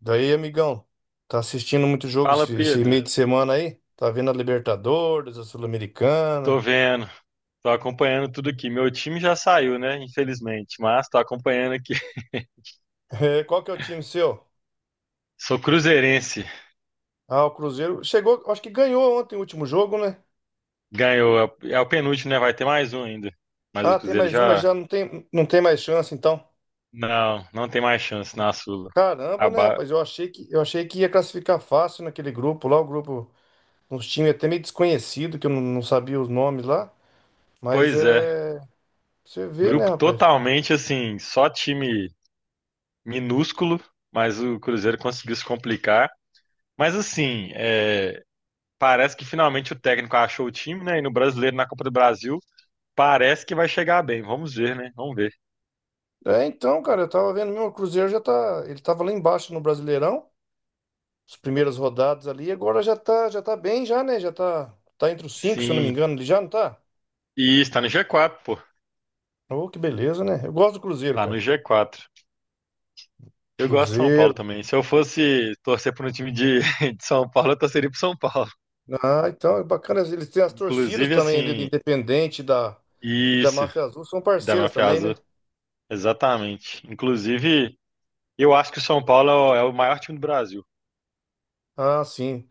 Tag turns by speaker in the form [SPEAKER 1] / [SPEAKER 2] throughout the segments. [SPEAKER 1] Daí, amigão, tá assistindo muito jogo
[SPEAKER 2] Fala,
[SPEAKER 1] esse, esse
[SPEAKER 2] Pedro.
[SPEAKER 1] meio de semana aí? Tá vendo a Libertadores, a
[SPEAKER 2] Tô
[SPEAKER 1] Sul-Americana?
[SPEAKER 2] vendo, tô acompanhando tudo aqui. Meu time já saiu, né? Infelizmente, mas tô acompanhando aqui.
[SPEAKER 1] É, qual que é o time seu?
[SPEAKER 2] Sou cruzeirense,
[SPEAKER 1] Ah, o Cruzeiro chegou, acho que ganhou ontem o último jogo, né?
[SPEAKER 2] ganhou. É o penúltimo, né? Vai ter mais um ainda. Mas o
[SPEAKER 1] Ah, tem
[SPEAKER 2] Cruzeiro
[SPEAKER 1] mais uma,
[SPEAKER 2] já.
[SPEAKER 1] já não tem, não tem mais chance, então.
[SPEAKER 2] Não, não tem mais chance na Sula.
[SPEAKER 1] Caramba, né,
[SPEAKER 2] Acabar.
[SPEAKER 1] rapaz? Eu achei que ia classificar fácil naquele grupo lá, uns times até meio desconhecido, que eu não, não sabia os nomes lá. Mas
[SPEAKER 2] Pois é.
[SPEAKER 1] é. Você vê, né,
[SPEAKER 2] Grupo
[SPEAKER 1] rapaz?
[SPEAKER 2] totalmente assim, só time minúsculo, mas o Cruzeiro conseguiu se complicar. Mas assim, é, parece que finalmente o técnico achou o time, né? E no Brasileiro, na Copa do Brasil. Parece que vai chegar bem. Vamos ver, né? Vamos ver.
[SPEAKER 1] É, então, cara, eu tava vendo mesmo, o Cruzeiro já tá. Ele tava lá embaixo no Brasileirão. As primeiras rodadas ali. Agora já tá bem, já, né? Tá entre os cinco, se eu não me
[SPEAKER 2] Sim.
[SPEAKER 1] engano, ele já não tá?
[SPEAKER 2] E está no G4, pô.
[SPEAKER 1] Oh, que beleza, né? Eu gosto do Cruzeiro,
[SPEAKER 2] Tá no
[SPEAKER 1] cara.
[SPEAKER 2] G4. Eu gosto de São Paulo
[SPEAKER 1] Cruzeiro.
[SPEAKER 2] também. Se eu fosse torcer para um time de, de São Paulo, eu torceria pro São Paulo.
[SPEAKER 1] Ah, então é bacana. Eles têm as torcidas
[SPEAKER 2] Inclusive,
[SPEAKER 1] também ali do
[SPEAKER 2] assim,
[SPEAKER 1] Independente e da
[SPEAKER 2] isso,
[SPEAKER 1] Máfia Azul, são
[SPEAKER 2] da
[SPEAKER 1] parceiras
[SPEAKER 2] Mafia
[SPEAKER 1] também,
[SPEAKER 2] Azul.
[SPEAKER 1] né?
[SPEAKER 2] Exatamente. Inclusive, eu acho que o São Paulo é o maior time do Brasil.
[SPEAKER 1] Ah, sim.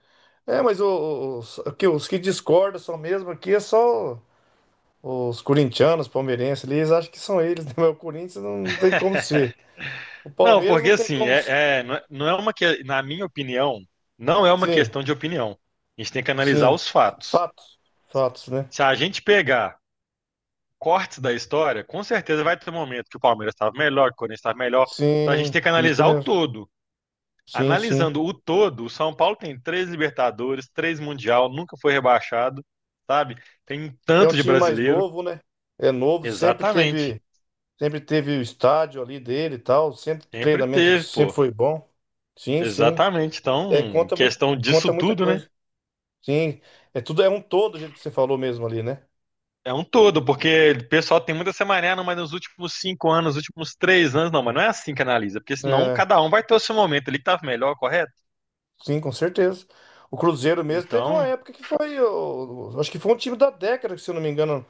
[SPEAKER 1] É, mas os que discordam são mesmo aqui é só os corintianos, palmeirenses ali, eles acham que são eles, né? Mas o Corinthians não tem como ser. O
[SPEAKER 2] Não,
[SPEAKER 1] Palmeiras
[SPEAKER 2] porque
[SPEAKER 1] não tem
[SPEAKER 2] assim,
[SPEAKER 1] como.
[SPEAKER 2] não é uma que, na minha opinião, não é uma
[SPEAKER 1] Sim.
[SPEAKER 2] questão de opinião. A gente tem que analisar
[SPEAKER 1] Sim,
[SPEAKER 2] os fatos.
[SPEAKER 1] fatos, fatos, né?
[SPEAKER 2] Se a gente pegar cortes da história, com certeza vai ter um momento que o Palmeiras estava melhor, que o Corinthians estava melhor. Então a gente
[SPEAKER 1] Sim,
[SPEAKER 2] tem que
[SPEAKER 1] isso
[SPEAKER 2] analisar o
[SPEAKER 1] mesmo.
[SPEAKER 2] todo.
[SPEAKER 1] Sim, sim.
[SPEAKER 2] Analisando o todo, o São Paulo tem três Libertadores, três Mundial, nunca foi rebaixado, sabe? Tem
[SPEAKER 1] É um
[SPEAKER 2] tanto de
[SPEAKER 1] time mais
[SPEAKER 2] brasileiro.
[SPEAKER 1] novo, né? É novo, sempre
[SPEAKER 2] Exatamente.
[SPEAKER 1] teve, sempre teve o estádio ali dele e tal, sempre o
[SPEAKER 2] Sempre
[SPEAKER 1] treinamento
[SPEAKER 2] teve,
[SPEAKER 1] sempre
[SPEAKER 2] pô.
[SPEAKER 1] foi bom. Sim, sim.
[SPEAKER 2] Exatamente. Então,
[SPEAKER 1] É,
[SPEAKER 2] em
[SPEAKER 1] conta muito,
[SPEAKER 2] questão disso
[SPEAKER 1] conta muita
[SPEAKER 2] tudo, né?
[SPEAKER 1] coisa. Sim, é tudo é um todo, do jeito que você falou mesmo ali, né?
[SPEAKER 2] É um todo, porque o pessoal tem muita semaná, não, mas nos últimos 5 anos, nos últimos 3 anos, não, mas não é assim que analisa, porque senão
[SPEAKER 1] É,
[SPEAKER 2] cada um vai ter o seu momento ali que tá melhor, correto?
[SPEAKER 1] sim, com certeza. O Cruzeiro mesmo teve uma
[SPEAKER 2] Então,
[SPEAKER 1] época que foi, acho que foi um time da década, se eu não me engano,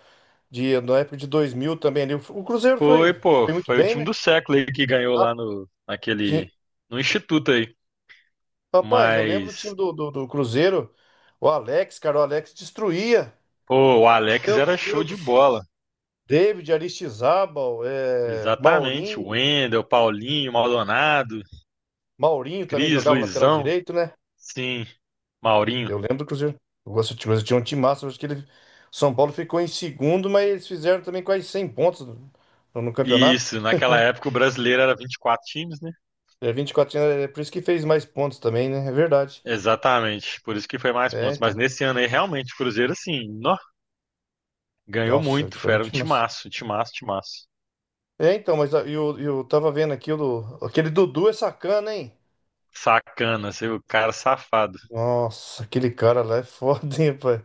[SPEAKER 1] de na época de 2000 também ali. O Cruzeiro
[SPEAKER 2] foi,
[SPEAKER 1] foi,
[SPEAKER 2] pô,
[SPEAKER 1] foi muito
[SPEAKER 2] foi o
[SPEAKER 1] bem,
[SPEAKER 2] time
[SPEAKER 1] né?
[SPEAKER 2] do século aí que ganhou lá no, naquele,
[SPEAKER 1] Sim.
[SPEAKER 2] no instituto aí.
[SPEAKER 1] Rapaz, eu lembro do
[SPEAKER 2] Mas,
[SPEAKER 1] time do Cruzeiro, o Alex, cara, o Alex destruía.
[SPEAKER 2] pô, o Alex
[SPEAKER 1] Meu
[SPEAKER 2] era show
[SPEAKER 1] Deus do
[SPEAKER 2] de
[SPEAKER 1] céu.
[SPEAKER 2] bola.
[SPEAKER 1] David, Aristizábal, é,
[SPEAKER 2] Exatamente. O
[SPEAKER 1] Maurinho.
[SPEAKER 2] Wendel, Paulinho, Maldonado,
[SPEAKER 1] Maurinho também
[SPEAKER 2] Cris,
[SPEAKER 1] jogava lateral
[SPEAKER 2] Luizão,
[SPEAKER 1] direito, né?
[SPEAKER 2] sim, Maurinho.
[SPEAKER 1] Eu lembro do Cruzeiro. Eu gosto de Cruzeiro, tinha um time massa, acho que ele, São Paulo ficou em segundo, mas eles fizeram também quase 100 pontos no, no campeonato.
[SPEAKER 2] Isso, naquela época o brasileiro era 24 times, né?
[SPEAKER 1] É 24, é por isso que fez mais pontos também, né? É verdade.
[SPEAKER 2] Exatamente, por isso que foi mais
[SPEAKER 1] É,
[SPEAKER 2] pontos. Mas
[SPEAKER 1] então.
[SPEAKER 2] nesse ano aí, realmente, o Cruzeiro, assim, nó, ganhou
[SPEAKER 1] Nossa,
[SPEAKER 2] muito.
[SPEAKER 1] foi
[SPEAKER 2] Foi,
[SPEAKER 1] um
[SPEAKER 2] era um
[SPEAKER 1] time massa.
[SPEAKER 2] timaço, timaço, timaço.
[SPEAKER 1] É, então, mas eu tava vendo aqui aquele Dudu é sacana, hein?
[SPEAKER 2] Sacana, assim, o cara safado.
[SPEAKER 1] Nossa, aquele cara lá é foda, hein, pai?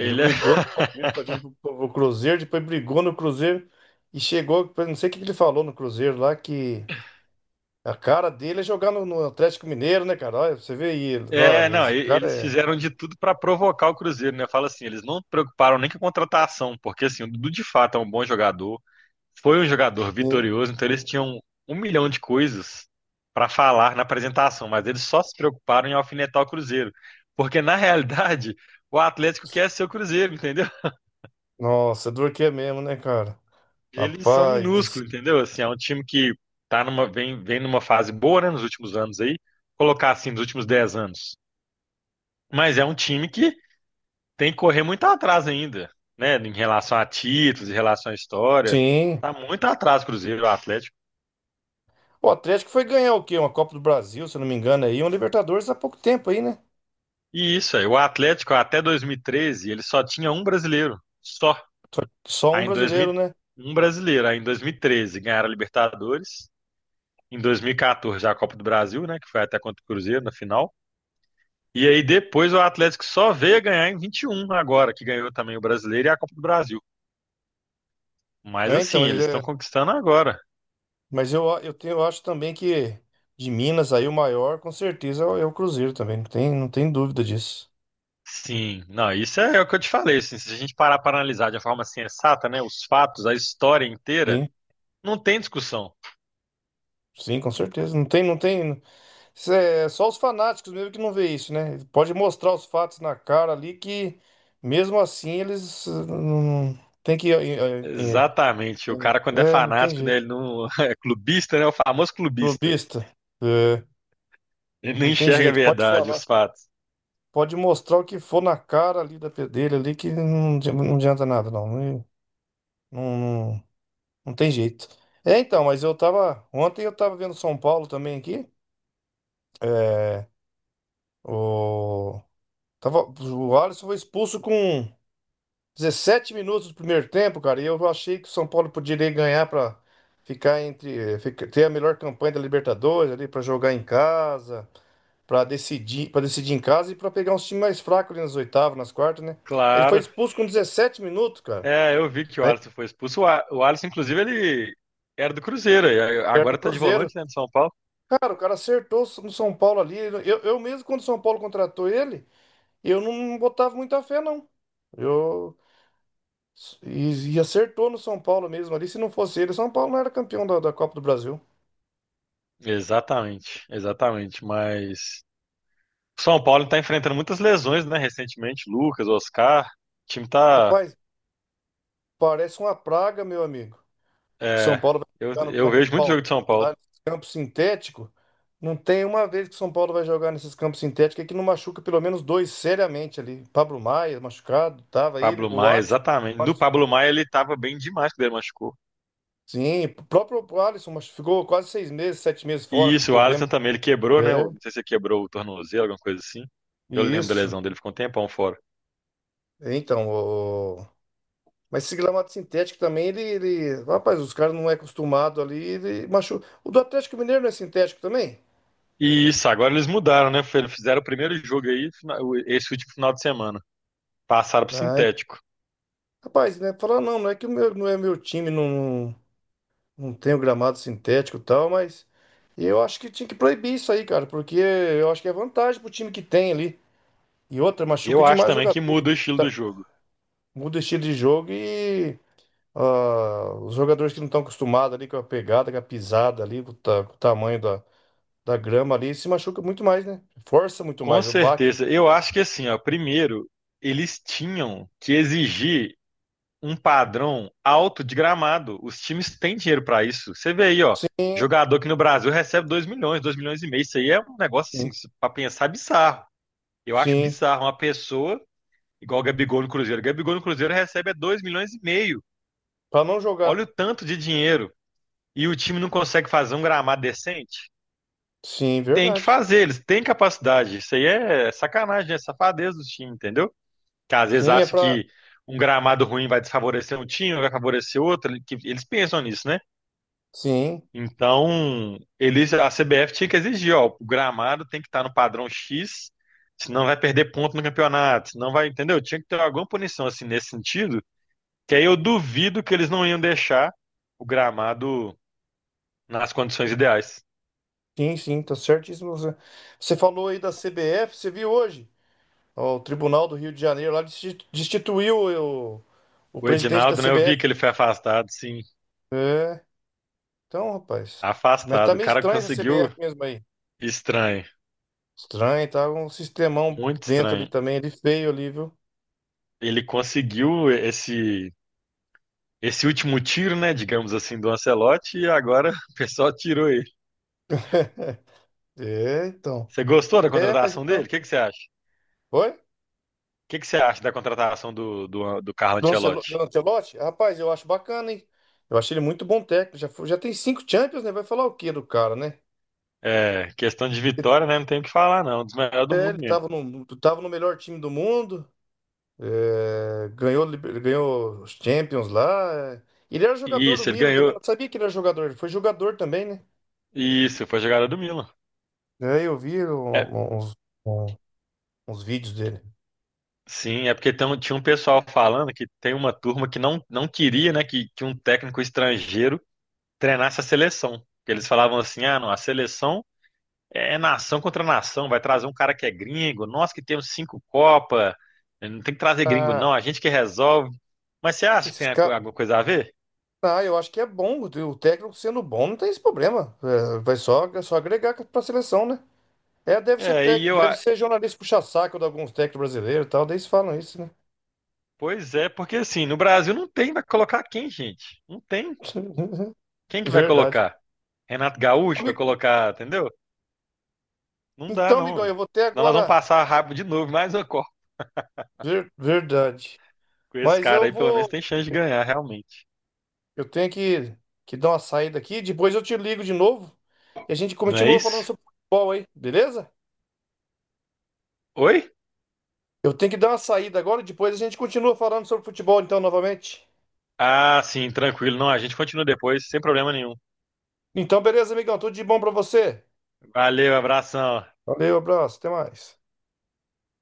[SPEAKER 1] Ele
[SPEAKER 2] é,
[SPEAKER 1] brigou no Palmeiras pra vir pro Cruzeiro, depois brigou no Cruzeiro e chegou. Eu não sei o que que ele falou no Cruzeiro lá, que a cara dele é jogar no, no Atlético Mineiro, né, cara? Olha, você vê ele. Ah,
[SPEAKER 2] é,
[SPEAKER 1] mas
[SPEAKER 2] não,
[SPEAKER 1] esse cara
[SPEAKER 2] eles
[SPEAKER 1] é.
[SPEAKER 2] fizeram de tudo para provocar o Cruzeiro, né? Fala assim, eles não preocuparam nem com a contratação, porque assim, o Dudu de fato é um bom jogador, foi um jogador
[SPEAKER 1] Sim.
[SPEAKER 2] vitorioso, então eles tinham um milhão de coisas para falar na apresentação, mas eles só se preocuparam em alfinetar o Cruzeiro, porque na realidade o Atlético quer ser o Cruzeiro, entendeu?
[SPEAKER 1] Nossa, é dor que é mesmo, né, cara?
[SPEAKER 2] Eles são
[SPEAKER 1] Rapaz do... c-
[SPEAKER 2] minúsculos, entendeu? Assim, é um time que tá numa, vem numa fase boa, né, nos últimos anos aí, colocar assim, nos últimos 10 anos. Mas é um time que tem que correr muito atrás ainda, né? Em relação a títulos, em relação à história.
[SPEAKER 1] Sim.
[SPEAKER 2] Tá muito atrás, o Cruzeiro, o Atlético.
[SPEAKER 1] O Atlético foi ganhar o quê? Uma Copa do Brasil, se eu não me engano, aí, um Libertadores há pouco tempo aí, né?
[SPEAKER 2] E isso, aí, o Atlético até 2013, ele só tinha um brasileiro, só.
[SPEAKER 1] Só só um
[SPEAKER 2] Aí em 2000,
[SPEAKER 1] brasileiro, né?
[SPEAKER 2] um brasileiro, aí em 2013 ganharam a Libertadores, em 2014 a Copa do Brasil, né, que foi até contra o Cruzeiro na final. E aí depois o Atlético só veio a ganhar em 21 agora, que ganhou também o Brasileiro e a Copa do Brasil. Mas
[SPEAKER 1] É,
[SPEAKER 2] assim,
[SPEAKER 1] então, ele
[SPEAKER 2] eles estão
[SPEAKER 1] é.
[SPEAKER 2] conquistando agora.
[SPEAKER 1] Mas eu acho também que de Minas aí o maior, com certeza, é o é o Cruzeiro também. Não tem, não tem dúvida disso.
[SPEAKER 2] Sim, não, isso é o que eu te falei, assim, se a gente parar para analisar de uma forma sensata, né, os fatos, a história inteira,
[SPEAKER 1] Sim,
[SPEAKER 2] não tem discussão.
[SPEAKER 1] sim, com certeza. Não tem, não tem. Isso é só os fanáticos mesmo que não vê isso, né? Pode mostrar os fatos na cara ali que mesmo assim eles não tem que.
[SPEAKER 2] Exatamente, o cara quando é
[SPEAKER 1] É, não tem
[SPEAKER 2] fanático, né,
[SPEAKER 1] jeito.
[SPEAKER 2] ele não é clubista, né, é o famoso clubista.
[SPEAKER 1] Clubista, é,
[SPEAKER 2] Ele não
[SPEAKER 1] não tem
[SPEAKER 2] enxerga a
[SPEAKER 1] jeito. Pode
[SPEAKER 2] verdade,
[SPEAKER 1] falar.
[SPEAKER 2] os fatos.
[SPEAKER 1] Pode mostrar o que for na cara ali da dele ali que não, não adianta nada, não. Não, Não tem jeito. É, então, mas eu tava. Ontem eu tava vendo São Paulo também aqui. É, o, tava, o Alisson foi expulso com 17 minutos do primeiro tempo, cara. E eu achei que o São Paulo poderia ganhar pra ficar entre. Ter a melhor campanha da Libertadores ali, pra jogar em casa, para decidir em casa e pra pegar uns times mais fracos ali nas oitavas, nas quartas, né? Aí ele foi
[SPEAKER 2] Claro.
[SPEAKER 1] expulso com 17 minutos, cara.
[SPEAKER 2] É, eu vi que o
[SPEAKER 1] Aí,
[SPEAKER 2] Alisson foi expulso. O Alisson, inclusive, ele era do Cruzeiro, e
[SPEAKER 1] perto
[SPEAKER 2] agora
[SPEAKER 1] do
[SPEAKER 2] tá de
[SPEAKER 1] Cruzeiro.
[SPEAKER 2] volante, né, do São Paulo.
[SPEAKER 1] Cara, o cara acertou no São Paulo ali. Eu mesmo, quando o São Paulo contratou ele, eu não botava muita fé, não. Eu, e acertou no São Paulo mesmo ali. Se não fosse ele, o São Paulo não era campeão da, da Copa do Brasil.
[SPEAKER 2] Exatamente, exatamente, mas o São Paulo tá enfrentando muitas lesões, né, recentemente, Lucas, Oscar, o time tá.
[SPEAKER 1] Rapaz, parece uma praga, meu amigo. São
[SPEAKER 2] É,
[SPEAKER 1] Paulo vai
[SPEAKER 2] eu,
[SPEAKER 1] jogar no
[SPEAKER 2] eu
[SPEAKER 1] campo do
[SPEAKER 2] vejo muito
[SPEAKER 1] Palmeiras,
[SPEAKER 2] jogo de São
[SPEAKER 1] lá
[SPEAKER 2] Paulo.
[SPEAKER 1] nesse campo sintético. Não tem uma vez que o São Paulo vai jogar nesses campos sintéticos é que não machuca pelo menos dois seriamente ali. Pablo Maia machucado, tava ele,
[SPEAKER 2] Pablo
[SPEAKER 1] o
[SPEAKER 2] Maia,
[SPEAKER 1] Alisson.
[SPEAKER 2] exatamente. No Pablo Maia ele tava bem demais quando ele machucou.
[SPEAKER 1] Sim, o próprio Alisson mas ficou quase 6 meses, 7 meses fora
[SPEAKER 2] E
[SPEAKER 1] com
[SPEAKER 2] isso, o
[SPEAKER 1] problema.
[SPEAKER 2] Alisson também, ele quebrou, né?
[SPEAKER 1] É,
[SPEAKER 2] Não sei se ele quebrou o tornozelo, alguma coisa assim. Eu lembro da
[SPEAKER 1] isso.
[SPEAKER 2] lesão dele, ficou um tempão fora.
[SPEAKER 1] Então, o... mas esse gramado sintético também, Rapaz, os caras não é acostumado ali, ele machu... O do Atlético Mineiro não é sintético também?
[SPEAKER 2] E isso, agora eles mudaram, né? Eles fizeram o primeiro jogo aí, esse último final de semana. Passaram pro
[SPEAKER 1] Ah, en-
[SPEAKER 2] sintético.
[SPEAKER 1] rapaz, né? Falar, não, não é que o meu, não é meu time, não, não tem o gramado sintético e tal, mas eu acho que tinha que proibir isso aí, cara, porque eu acho que é vantagem pro time que tem ali. E outra, machuca
[SPEAKER 2] Eu acho
[SPEAKER 1] demais o
[SPEAKER 2] também
[SPEAKER 1] jogador.
[SPEAKER 2] que muda o estilo
[SPEAKER 1] Tá-
[SPEAKER 2] do jogo.
[SPEAKER 1] Muda o estilo de jogo e ah, os jogadores que não estão acostumados ali com a pegada, com a pisada ali, com o tamanho da, da grama ali, se machuca muito mais, né? Força muito
[SPEAKER 2] Com
[SPEAKER 1] mais. O baque.
[SPEAKER 2] certeza. Eu acho que assim, ó, primeiro, eles tinham que exigir um padrão alto de gramado. Os times têm dinheiro para isso. Você vê aí, ó,
[SPEAKER 1] Sim,
[SPEAKER 2] jogador que no Brasil recebe 2 milhões, 2,5 milhões. Isso aí é um negócio assim,
[SPEAKER 1] sim,
[SPEAKER 2] para pensar bizarro. Eu acho
[SPEAKER 1] sim.
[SPEAKER 2] bizarro uma pessoa igual o Gabigol no Cruzeiro. O Gabigol no Cruzeiro recebe 2,5 milhões.
[SPEAKER 1] Pra não jogar.
[SPEAKER 2] Olha o tanto de dinheiro. E o time não consegue fazer um gramado decente?
[SPEAKER 1] Sim,
[SPEAKER 2] Tem que
[SPEAKER 1] verdade.
[SPEAKER 2] fazer, eles têm capacidade. Isso aí é sacanagem, é safadeza do time, entendeu? Que às vezes
[SPEAKER 1] Sim, é
[SPEAKER 2] acha
[SPEAKER 1] pra.
[SPEAKER 2] que um gramado ruim vai desfavorecer um time, vai favorecer outro. Que Eles pensam nisso, né?
[SPEAKER 1] Sim,
[SPEAKER 2] Então, eles, a CBF tinha que exigir, ó, o gramado tem que estar no padrão X, senão vai perder ponto no campeonato, senão vai, entendeu? Tinha que ter alguma punição assim nesse sentido, que aí eu duvido que eles não iam deixar o gramado nas condições ideais.
[SPEAKER 1] sim, tá certíssimo. Você falou aí da CBF, você viu hoje? Ó, o Tribunal do Rio de Janeiro lá destituiu o
[SPEAKER 2] O
[SPEAKER 1] presidente da
[SPEAKER 2] Edinaldo, né, eu
[SPEAKER 1] CBF.
[SPEAKER 2] vi que ele foi afastado, sim,
[SPEAKER 1] É, então, rapaz. Mas tá
[SPEAKER 2] afastado. O
[SPEAKER 1] meio
[SPEAKER 2] cara
[SPEAKER 1] estranho essa
[SPEAKER 2] conseguiu,
[SPEAKER 1] CBF mesmo aí.
[SPEAKER 2] estranho,
[SPEAKER 1] Estranho, tá um sistemão
[SPEAKER 2] muito
[SPEAKER 1] dentro ali
[SPEAKER 2] estranho.
[SPEAKER 1] também, ele feio ali, viu?
[SPEAKER 2] Ele conseguiu esse último tiro, né, digamos assim, do Ancelotti e agora o pessoal tirou.
[SPEAKER 1] É, então.
[SPEAKER 2] Você gostou da
[SPEAKER 1] É, mas
[SPEAKER 2] contratação dele? O
[SPEAKER 1] então.
[SPEAKER 2] que que você acha?
[SPEAKER 1] Oi?
[SPEAKER 2] O que que você acha da contratação do Carlo
[SPEAKER 1] Do
[SPEAKER 2] Ancelotti?
[SPEAKER 1] Ancelotti? Rapaz, eu acho bacana, hein? Eu achei ele muito bom técnico. Já tem 5 Champions, né? Vai falar o quê do cara, né?
[SPEAKER 2] É, questão de vitória, né? Não tem o que falar, não. Um dos melhores do
[SPEAKER 1] É,
[SPEAKER 2] mundo
[SPEAKER 1] ele
[SPEAKER 2] mesmo.
[SPEAKER 1] tava tava no melhor time do mundo, é, ganhou, ganhou os Champions lá. É. Ele era jogador do
[SPEAKER 2] Isso, ele
[SPEAKER 1] Milan também,
[SPEAKER 2] ganhou.
[SPEAKER 1] não sabia que ele era jogador, ele foi jogador também, né?
[SPEAKER 2] Isso, foi jogada do Milan.
[SPEAKER 1] É, eu vi
[SPEAKER 2] É,
[SPEAKER 1] um- uns, um- uns vídeos dele.
[SPEAKER 2] sim, é porque tinha um pessoal falando que tem uma turma que não, não queria, né, que um técnico estrangeiro treinasse a seleção. Porque eles falavam assim, ah, não, a seleção é nação contra nação, vai trazer um cara que é gringo, nós que temos cinco Copa, não tem que trazer gringo
[SPEAKER 1] Ah,
[SPEAKER 2] não, a gente que resolve. Mas você acha que
[SPEAKER 1] esses
[SPEAKER 2] tem
[SPEAKER 1] caras.
[SPEAKER 2] alguma coisa a ver?
[SPEAKER 1] Ah, eu acho que é bom. O técnico sendo bom não tem esse problema. É, vai só, é só agregar pra seleção, né? É, deve ser
[SPEAKER 2] É,
[SPEAKER 1] tec... deve ser jornalista puxa-saco de alguns técnicos brasileiros e tal. Daí eles falam isso, né?
[SPEAKER 2] pois é, porque assim, no Brasil não tem, vai colocar quem, gente? Não tem. Quem que vai
[SPEAKER 1] Verdade.
[SPEAKER 2] colocar? Renato Gaúcho vai
[SPEAKER 1] Ami-
[SPEAKER 2] colocar, entendeu? Não dá
[SPEAKER 1] Então,
[SPEAKER 2] não,
[SPEAKER 1] amigão,
[SPEAKER 2] ué.
[SPEAKER 1] eu vou ter
[SPEAKER 2] Senão nós vamos
[SPEAKER 1] agora.
[SPEAKER 2] passar rápido de novo, mais uma Copa.
[SPEAKER 1] Ver- Verdade.
[SPEAKER 2] Com esse
[SPEAKER 1] Mas
[SPEAKER 2] cara
[SPEAKER 1] eu
[SPEAKER 2] aí pelo menos
[SPEAKER 1] vou.
[SPEAKER 2] tem chance de ganhar, realmente.
[SPEAKER 1] Eu tenho que dar uma saída aqui. Depois eu te ligo de novo e a gente
[SPEAKER 2] Não é
[SPEAKER 1] continua falando
[SPEAKER 2] isso?
[SPEAKER 1] sobre futebol aí, beleza?
[SPEAKER 2] Oi?
[SPEAKER 1] Eu tenho que dar uma saída agora e depois a gente continua falando sobre futebol, então, novamente.
[SPEAKER 2] Ah, sim, tranquilo. Não, a gente continua depois, sem problema nenhum.
[SPEAKER 1] Então, beleza, amigão? Tudo de bom pra você.
[SPEAKER 2] Valeu, abração.
[SPEAKER 1] Valeu, abraço, até mais.